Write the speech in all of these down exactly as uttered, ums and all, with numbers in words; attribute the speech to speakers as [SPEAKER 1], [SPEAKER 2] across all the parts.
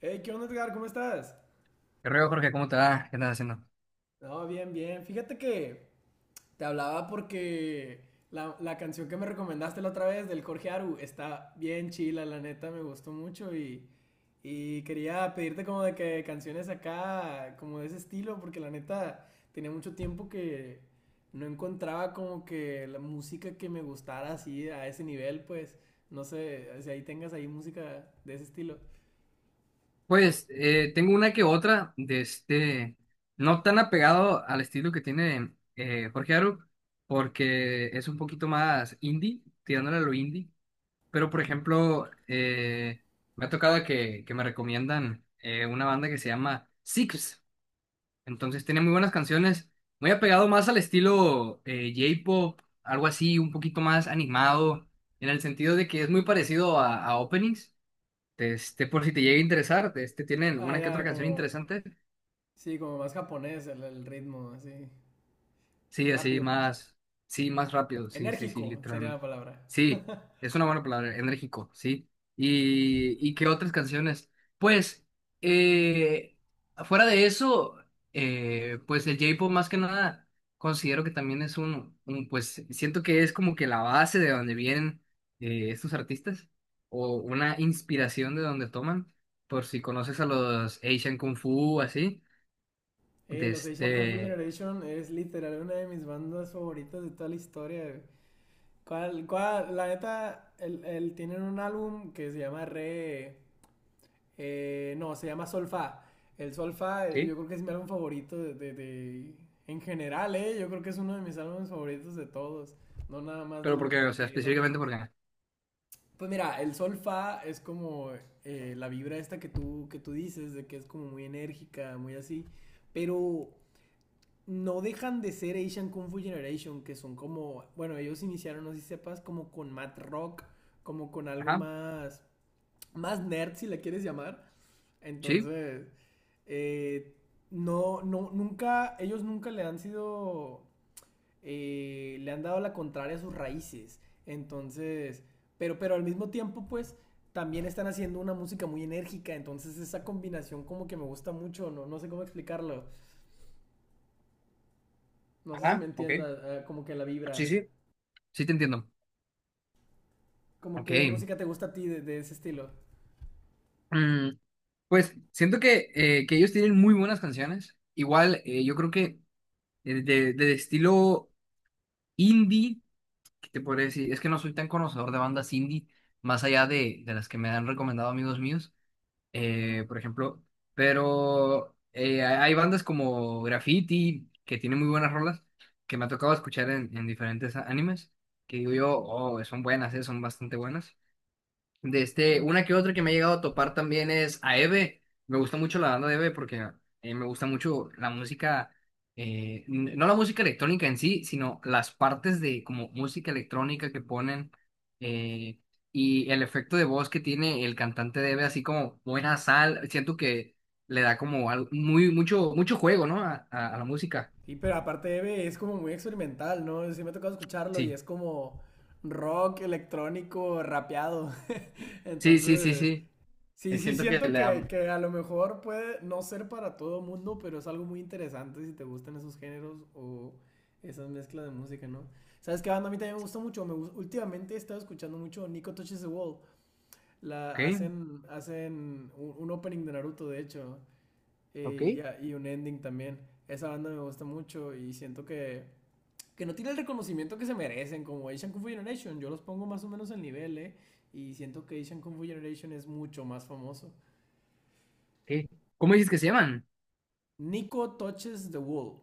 [SPEAKER 1] Hey, ¿qué onda, Edgar? ¿Cómo estás?
[SPEAKER 2] ¿Qué rollo, Jorge? ¿Cómo te va? ¿Qué andas haciendo?
[SPEAKER 1] No, bien, bien. Fíjate que te hablaba porque la, la canción que me recomendaste la otra vez del Jorge Aru está bien chila, la neta, me gustó mucho y, y quería pedirte como de que canciones acá, como de ese estilo, porque la neta tenía mucho tiempo que no encontraba como que la música que me gustara así a ese nivel, pues no sé si ahí tengas ahí música de ese estilo.
[SPEAKER 2] Pues eh, tengo una que otra de este, no tan apegado al estilo que tiene eh, Jorge Aru, porque es un poquito más indie, tirándole a lo indie. Pero, por ejemplo, eh, me ha tocado que, que me recomiendan eh, una banda que se llama Six. Entonces tiene muy buenas canciones, muy apegado más al estilo eh, J-pop, algo así, un poquito más animado, en el sentido de que es muy parecido a, a openings. Este, por si te llega a interesar, este, tienen
[SPEAKER 1] Ah,
[SPEAKER 2] una que otra
[SPEAKER 1] ya,
[SPEAKER 2] canción
[SPEAKER 1] como...
[SPEAKER 2] interesante.
[SPEAKER 1] Sí, como más japonés el, el ritmo, así.
[SPEAKER 2] Sí, así
[SPEAKER 1] Rápido, pues.
[SPEAKER 2] más, sí, más rápido, sí, sí, sí,
[SPEAKER 1] Enérgico sería la
[SPEAKER 2] literalmente.
[SPEAKER 1] palabra.
[SPEAKER 2] Sí, es una buena palabra, enérgico, sí. ¿Y, y qué otras canciones? Pues, eh, fuera de eso, eh, pues el J-pop más que nada, considero que también es un, un, pues siento que es como que la base de donde vienen eh, estos artistas, o una inspiración de donde toman, por si conoces a los Asian Kung Fu, así,
[SPEAKER 1] Eh,
[SPEAKER 2] de
[SPEAKER 1] los Asian Kung Fu
[SPEAKER 2] este,
[SPEAKER 1] Generation es literal una de mis bandas favoritas de toda la historia, güey. ¿Cuál, cuál? La neta, el, el- tienen un álbum que se llama Re. Eh, no, se llama Solfa. El Solfa, eh,
[SPEAKER 2] sí,
[SPEAKER 1] yo creo que es mi álbum favorito de, de- de- en general, ¿eh? Yo creo que es uno de mis álbumes favoritos de todos. No nada más
[SPEAKER 2] pero
[SPEAKER 1] del,
[SPEAKER 2] porque, o
[SPEAKER 1] del
[SPEAKER 2] sea,
[SPEAKER 1] J-Rock.
[SPEAKER 2] específicamente porque...
[SPEAKER 1] Pues mira, el sol fa es como eh, la vibra esta que tú, que tú dices, de que es como muy enérgica, muy así, pero no dejan de ser Asian Kung Fu Generation, que son como, bueno, ellos iniciaron, no sé si sepas, como con mat rock, como con algo
[SPEAKER 2] Ajá,
[SPEAKER 1] más, más nerd, si la quieres llamar.
[SPEAKER 2] sí,
[SPEAKER 1] Entonces, eh, no, no, nunca, ellos nunca le han sido eh, le han dado la contraria a sus raíces. Entonces, pero, pero al mismo tiempo, pues, también están haciendo una música muy enérgica. Entonces, esa combinación como que me gusta mucho, no, no sé cómo explicarlo. No sé si me
[SPEAKER 2] ajá, ok.
[SPEAKER 1] entiendas, eh, como que la vibra.
[SPEAKER 2] Sí, sí, sí, te entiendo.
[SPEAKER 1] Como
[SPEAKER 2] Ok.
[SPEAKER 1] que música te gusta a ti de, de ese estilo.
[SPEAKER 2] Mm, pues siento que, eh, que ellos tienen muy buenas canciones. Igual, eh, yo creo que de, de- de estilo indie, que te podría decir, es que no soy tan conocedor de bandas indie, más allá de, de las que me han recomendado amigos míos, eh, por ejemplo. Pero eh, hay hay bandas como Graffiti, que tienen muy buenas rolas, que me ha tocado escuchar en, en diferentes a- animes, que digo yo, oh, son buenas, eh, son bastante buenas. De este,
[SPEAKER 1] Mm.
[SPEAKER 2] una que otra que me ha llegado a topar también es a Eve. Me gusta mucho la banda de Eve porque eh, me gusta mucho la música, eh, n- no la música electrónica en sí, sino las partes de como música electrónica que ponen, eh, y el efecto de voz que tiene el cantante de Eve, así como buena sal. Siento que le da como al- muy, mucho, mucho juego, ¿no? A, a- a la música.
[SPEAKER 1] Y pero aparte Eve es como muy experimental, ¿no? Sí me ha tocado escucharlo y
[SPEAKER 2] Sí,
[SPEAKER 1] es como rock electrónico rapeado.
[SPEAKER 2] sí, sí, sí,
[SPEAKER 1] Entonces,
[SPEAKER 2] sí. Eh,
[SPEAKER 1] sí, sí,
[SPEAKER 2] Siento que
[SPEAKER 1] siento
[SPEAKER 2] le da.
[SPEAKER 1] que,
[SPEAKER 2] Ok,
[SPEAKER 1] que a lo mejor puede no ser para todo mundo, pero es algo muy interesante si te gustan esos géneros o esas mezclas de música, ¿no? ¿Sabes qué banda a mí también me gusta mucho? Me gus- últimamente he estado escuchando mucho Nico Touches the Wall. La hacen, hacen un, un opening de Naruto, de hecho,
[SPEAKER 2] ok,
[SPEAKER 1] eh, y, a- y un ending también. Esa banda me gusta mucho y siento que, que no tiene el reconocimiento que se merecen, como Asian Kung Fu Generation. Yo los pongo más o menos al nivel, ¿eh? Y siento que Asian Kung Fu Generation es mucho más famoso.
[SPEAKER 2] ok. ¿Cómo dices que se llaman?
[SPEAKER 1] Nico Touches the Wall.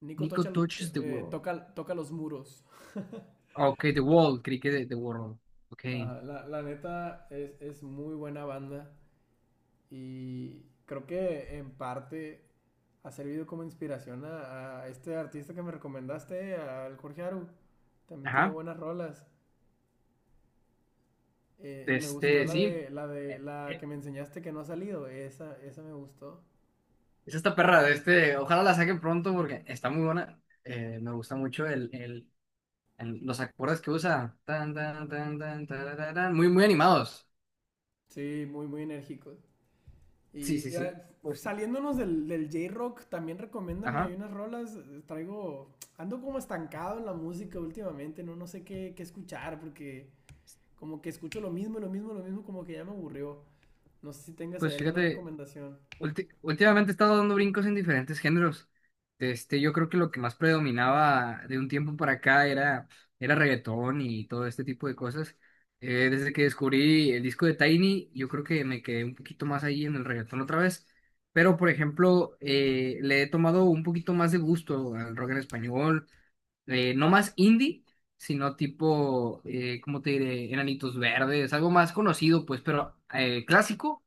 [SPEAKER 1] Nico
[SPEAKER 2] Nico
[SPEAKER 1] tocha,
[SPEAKER 2] Touches the
[SPEAKER 1] eh,
[SPEAKER 2] World.
[SPEAKER 1] toca, toca los muros.
[SPEAKER 2] Ah, ok, The Wall, creí que de The World. Ok.
[SPEAKER 1] Ajá, la, la neta es, es muy buena banda y creo que en parte ha servido como inspiración a, a este artista que me recomendaste, al Jorge Aru. También tiene
[SPEAKER 2] Ajá.
[SPEAKER 1] buenas rolas. Eh,
[SPEAKER 2] De
[SPEAKER 1] me gustó
[SPEAKER 2] este,
[SPEAKER 1] la
[SPEAKER 2] sí.
[SPEAKER 1] de la de
[SPEAKER 2] Eh,
[SPEAKER 1] la que
[SPEAKER 2] eh,
[SPEAKER 1] me enseñaste que no ha salido. Esa, esa me gustó.
[SPEAKER 2] Es esta perra de este. Ojalá la saquen pronto porque está muy buena. Eh, me gusta mucho el, el, el- los acordes que usa. Tan, tan, tan, tan, tarararán. Muy, muy animados.
[SPEAKER 1] Sí, muy, muy enérgicos.
[SPEAKER 2] Sí,
[SPEAKER 1] Y
[SPEAKER 2] sí,
[SPEAKER 1] eh,
[SPEAKER 2] sí. Pues,
[SPEAKER 1] saliéndonos del, del J-Rock, también recomiéndame
[SPEAKER 2] ajá.
[SPEAKER 1] unas rolas. eh, Traigo. Ando como estancado en la música últimamente, no, no sé qué, qué escuchar, porque como que escucho lo mismo, lo mismo, lo mismo, como que ya me aburrió. No sé si tengas ahí
[SPEAKER 2] Pues
[SPEAKER 1] alguna
[SPEAKER 2] fíjate.
[SPEAKER 1] recomendación.
[SPEAKER 2] Ulti- últimamente he estado dando brincos en diferentes géneros. Este, yo creo que lo que más predominaba de un tiempo para acá era, era reggaetón y todo este tipo de cosas. Eh, desde que descubrí el disco de Tiny, yo creo que me quedé un poquito más ahí en el reggaetón otra vez. Pero, por ejemplo, eh, le he tomado un poquito más de gusto al rock en español. Eh, no más indie, sino tipo, eh, ¿cómo te diré? Enanitos Verdes, algo más conocido, pues, pero eh, clásico,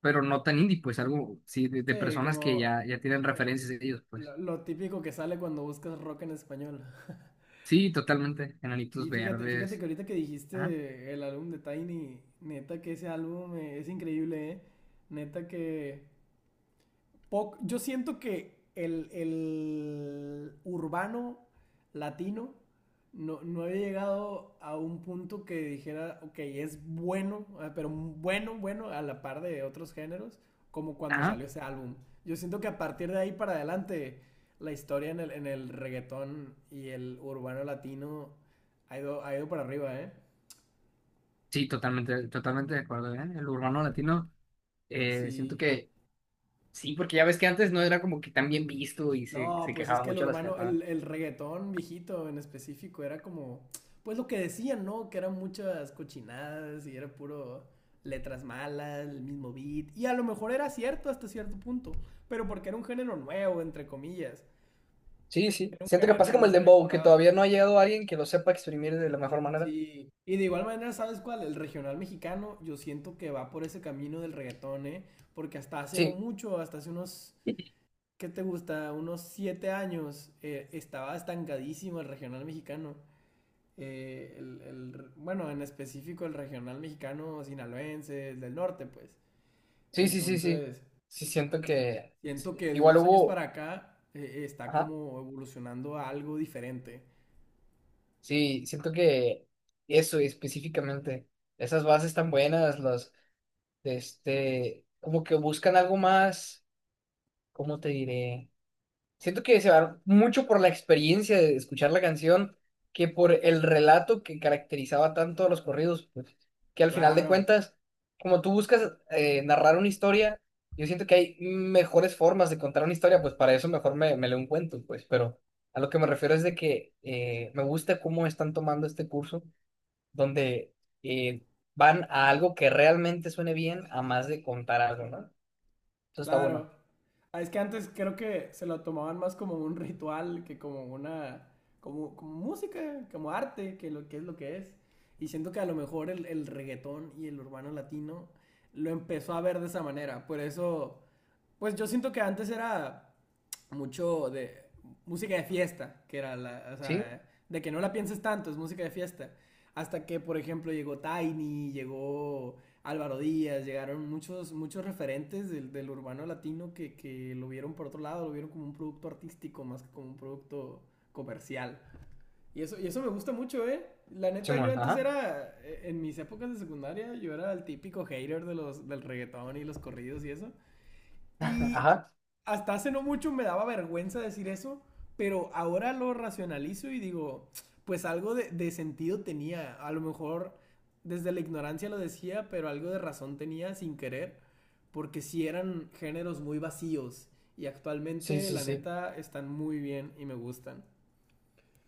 [SPEAKER 2] pero no tan indie, pues algo, sí, de, de
[SPEAKER 1] Sí,
[SPEAKER 2] personas que
[SPEAKER 1] como
[SPEAKER 2] ya, ya tienen
[SPEAKER 1] eh,
[SPEAKER 2] referencias de ellos, pues.
[SPEAKER 1] lo, lo típico que sale cuando buscas rock en español.
[SPEAKER 2] Sí, totalmente, Enanitos
[SPEAKER 1] Sí, fíjate, fíjate
[SPEAKER 2] Verdes.
[SPEAKER 1] que ahorita que
[SPEAKER 2] Ah,
[SPEAKER 1] dijiste el álbum de Tiny, neta que ese álbum eh, es increíble, ¿eh? Neta que Poc- yo siento que el, el urbano latino no, no había llegado a un punto que dijera, ok, es bueno, ah, pero bueno, bueno, a la par de otros géneros, como cuando
[SPEAKER 2] ah,
[SPEAKER 1] salió ese álbum. Yo siento que a partir de ahí para adelante, la historia en el, en el reggaetón y el urbano latino ha ido, ha ido para arriba, ¿eh?
[SPEAKER 2] sí, totalmente, totalmente de acuerdo, ¿eh? El urbano latino, eh, siento
[SPEAKER 1] Sí,
[SPEAKER 2] que sí, porque ya ves que antes no era como que tan bien visto y se,
[SPEAKER 1] no,
[SPEAKER 2] se
[SPEAKER 1] pues es
[SPEAKER 2] quejaba
[SPEAKER 1] que el
[SPEAKER 2] mucho a las
[SPEAKER 1] urbano,
[SPEAKER 2] personas.
[SPEAKER 1] el, el reggaetón viejito en específico era como, pues lo que decían, ¿no? Que eran muchas cochinadas y era puro letras malas, el mismo beat. Y a lo mejor era cierto hasta cierto punto, pero porque era un género nuevo, entre comillas.
[SPEAKER 2] Sí, sí.
[SPEAKER 1] Era un
[SPEAKER 2] Siento que
[SPEAKER 1] género
[SPEAKER 2] pasa
[SPEAKER 1] que
[SPEAKER 2] como
[SPEAKER 1] no
[SPEAKER 2] el
[SPEAKER 1] se había
[SPEAKER 2] dembow, que
[SPEAKER 1] explorado.
[SPEAKER 2] todavía no ha llegado alguien que lo sepa exprimir de la mejor manera.
[SPEAKER 1] Sí, y de igual manera, ¿sabes cuál? El regional mexicano, yo siento que va por ese camino del reggaetón, ¿eh? Porque hasta hace no
[SPEAKER 2] Sí,
[SPEAKER 1] mucho, hasta hace unos ¿qué te gusta? Unos siete años eh, estaba estancadísimo el regional mexicano. Eh, el, el- bueno, en específico el regional mexicano sinaloense, el del norte, pues.
[SPEAKER 2] sí, sí, sí, sí.
[SPEAKER 1] Entonces,
[SPEAKER 2] Sí, siento que
[SPEAKER 1] siento que de
[SPEAKER 2] igual
[SPEAKER 1] unos años
[SPEAKER 2] hubo.
[SPEAKER 1] para acá eh, está
[SPEAKER 2] Ajá.
[SPEAKER 1] como evolucionando a algo diferente.
[SPEAKER 2] Sí, siento que eso específicamente, esas bases tan buenas, los de este, como que buscan algo más, ¿cómo te diré? Siento que se va mucho por la experiencia de escuchar la canción que por el relato que caracterizaba tanto a los corridos, pues, que al final de
[SPEAKER 1] Claro,
[SPEAKER 2] cuentas, como tú buscas eh, narrar una historia, yo siento que hay mejores formas de contar una historia, pues para eso mejor me, me leo un cuento, pues, pero a lo que me refiero es de que eh, me gusta cómo están tomando este curso donde eh, van a algo que realmente suene bien a más de contar algo, ¿no? Eso está bueno.
[SPEAKER 1] claro. Ah, es que antes creo que se lo tomaban más como un ritual que como una, como, como música, como arte, que lo que es lo que es. Y siento que a lo mejor el, el reggaetón y el urbano latino lo empezó a ver de esa manera. Por eso pues yo siento que antes era mucho de música de fiesta, que era la, o
[SPEAKER 2] ¿Sí?
[SPEAKER 1] sea, de que no la pienses tanto, es música de fiesta. Hasta que, por ejemplo, llegó Tiny, llegó Álvaro Díaz, llegaron muchos, muchos referentes del, del urbano latino que, que lo vieron por otro lado, lo vieron como un producto artístico más que como un producto comercial. Y eso, y eso me gusta mucho, ¿eh? La neta, yo
[SPEAKER 2] Simón,
[SPEAKER 1] antes
[SPEAKER 2] ajá.
[SPEAKER 1] era, eh, en mis épocas de secundaria, yo era el típico hater de los, del reggaetón y los corridos y eso. Y
[SPEAKER 2] Ajá.
[SPEAKER 1] hasta hace no mucho me daba vergüenza decir eso, pero ahora lo racionalizo y digo, pues algo de, de sentido tenía. A lo mejor desde la ignorancia lo decía, pero algo de razón tenía sin querer, porque sí eran géneros muy vacíos. Y
[SPEAKER 2] Sí,
[SPEAKER 1] actualmente,
[SPEAKER 2] sí,
[SPEAKER 1] la
[SPEAKER 2] sí.
[SPEAKER 1] neta, están muy bien y me gustan.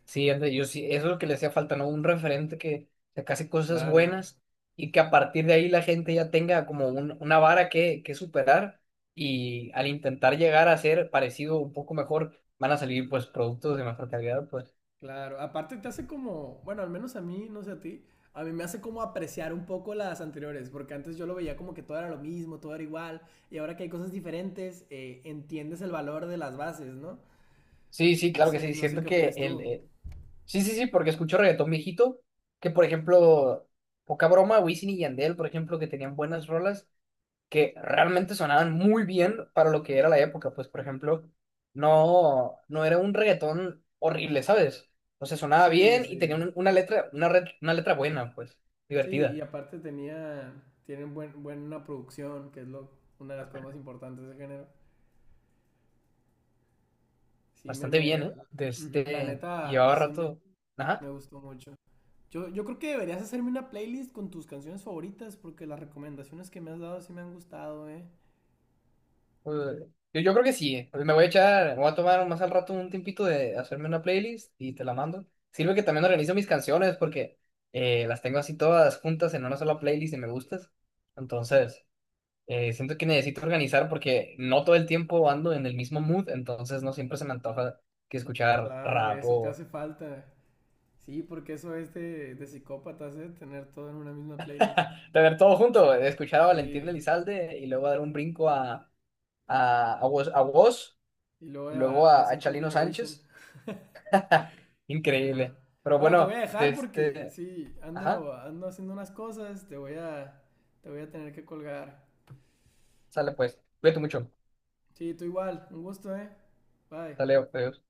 [SPEAKER 2] Sí, anda, yo sí, eso es lo que le hacía falta, ¿no? Un referente que sacase cosas
[SPEAKER 1] Claro.
[SPEAKER 2] buenas y que a partir de ahí la gente ya tenga como un- una vara que, que superar, y al intentar llegar a ser parecido un poco mejor, van a salir pues productos de mejor calidad, pues.
[SPEAKER 1] Claro, aparte te hace como, bueno, al menos a mí, no sé a ti, a mí me hace como apreciar un poco las anteriores, porque antes yo lo veía como que todo era lo mismo, todo era igual, y ahora que hay cosas diferentes, eh, entiendes el valor de las bases, ¿no?
[SPEAKER 2] Sí, sí,
[SPEAKER 1] No
[SPEAKER 2] claro que
[SPEAKER 1] sé,
[SPEAKER 2] sí.
[SPEAKER 1] no sé
[SPEAKER 2] Siento
[SPEAKER 1] qué
[SPEAKER 2] que
[SPEAKER 1] opinas
[SPEAKER 2] el,
[SPEAKER 1] tú.
[SPEAKER 2] eh, Sí, sí, sí, porque escucho reggaetón viejito, que por ejemplo, poca broma, Wisin y Yandel, por ejemplo, que tenían buenas rolas que realmente sonaban muy bien para lo que era la época, pues por ejemplo, no, no era un reggaetón horrible, ¿sabes? O sea, sonaba
[SPEAKER 1] Sí,
[SPEAKER 2] bien y tenía
[SPEAKER 1] sí.
[SPEAKER 2] un- una letra, una, re- una letra buena, pues,
[SPEAKER 1] Sí, y
[SPEAKER 2] divertida,
[SPEAKER 1] aparte tenía, tiene un buen, buena producción, que es lo, una de las cosas más importantes del género. Sí, me,
[SPEAKER 2] bastante bien,
[SPEAKER 1] me,
[SPEAKER 2] ¿eh? De
[SPEAKER 1] ujú, la
[SPEAKER 2] este,
[SPEAKER 1] neta,
[SPEAKER 2] llevaba
[SPEAKER 1] sí me,
[SPEAKER 2] rato,
[SPEAKER 1] me
[SPEAKER 2] ajá.
[SPEAKER 1] gustó mucho. Yo, yo creo que deberías hacerme una playlist con tus canciones favoritas porque las recomendaciones que me has dado sí me han gustado, ¿eh?
[SPEAKER 2] Eh, Yo, yo creo que sí. eh. Me voy a echar, me voy a tomar más al rato un tiempito de hacerme una playlist y te la mando. Sirve que también organizo mis canciones porque eh, las tengo así todas juntas en una sola playlist de me gustas. Entonces, eh, siento que necesito organizar porque no todo el tiempo ando en el mismo mood, entonces no siempre se me antoja que escuchar
[SPEAKER 1] Claro,
[SPEAKER 2] rap
[SPEAKER 1] eso te
[SPEAKER 2] o
[SPEAKER 1] hace falta. Sí, porque eso es de, de psicópatas, ¿eh? Tener todo en una misma playlist.
[SPEAKER 2] tener todo junto. He escuchado a Valentín
[SPEAKER 1] Sí.
[SPEAKER 2] Elizalde y luego dar un brinco a, a, a Woz, a Woz,
[SPEAKER 1] Y luego
[SPEAKER 2] y luego
[SPEAKER 1] a, a
[SPEAKER 2] a, a
[SPEAKER 1] Zen Kung Fu
[SPEAKER 2] Chalino
[SPEAKER 1] Generation.
[SPEAKER 2] Sánchez. Ja,
[SPEAKER 1] Sí, man.
[SPEAKER 2] increíble. Pero
[SPEAKER 1] Bueno, te voy a
[SPEAKER 2] bueno, de
[SPEAKER 1] dejar porque
[SPEAKER 2] este,
[SPEAKER 1] sí,
[SPEAKER 2] ajá,
[SPEAKER 1] ando, ando haciendo unas cosas, te voy a, te voy a tener que colgar.
[SPEAKER 2] sale pues. Cuídate mucho.
[SPEAKER 1] Sí, tú igual, un gusto, ¿eh? Bye.
[SPEAKER 2] Sale, adiós.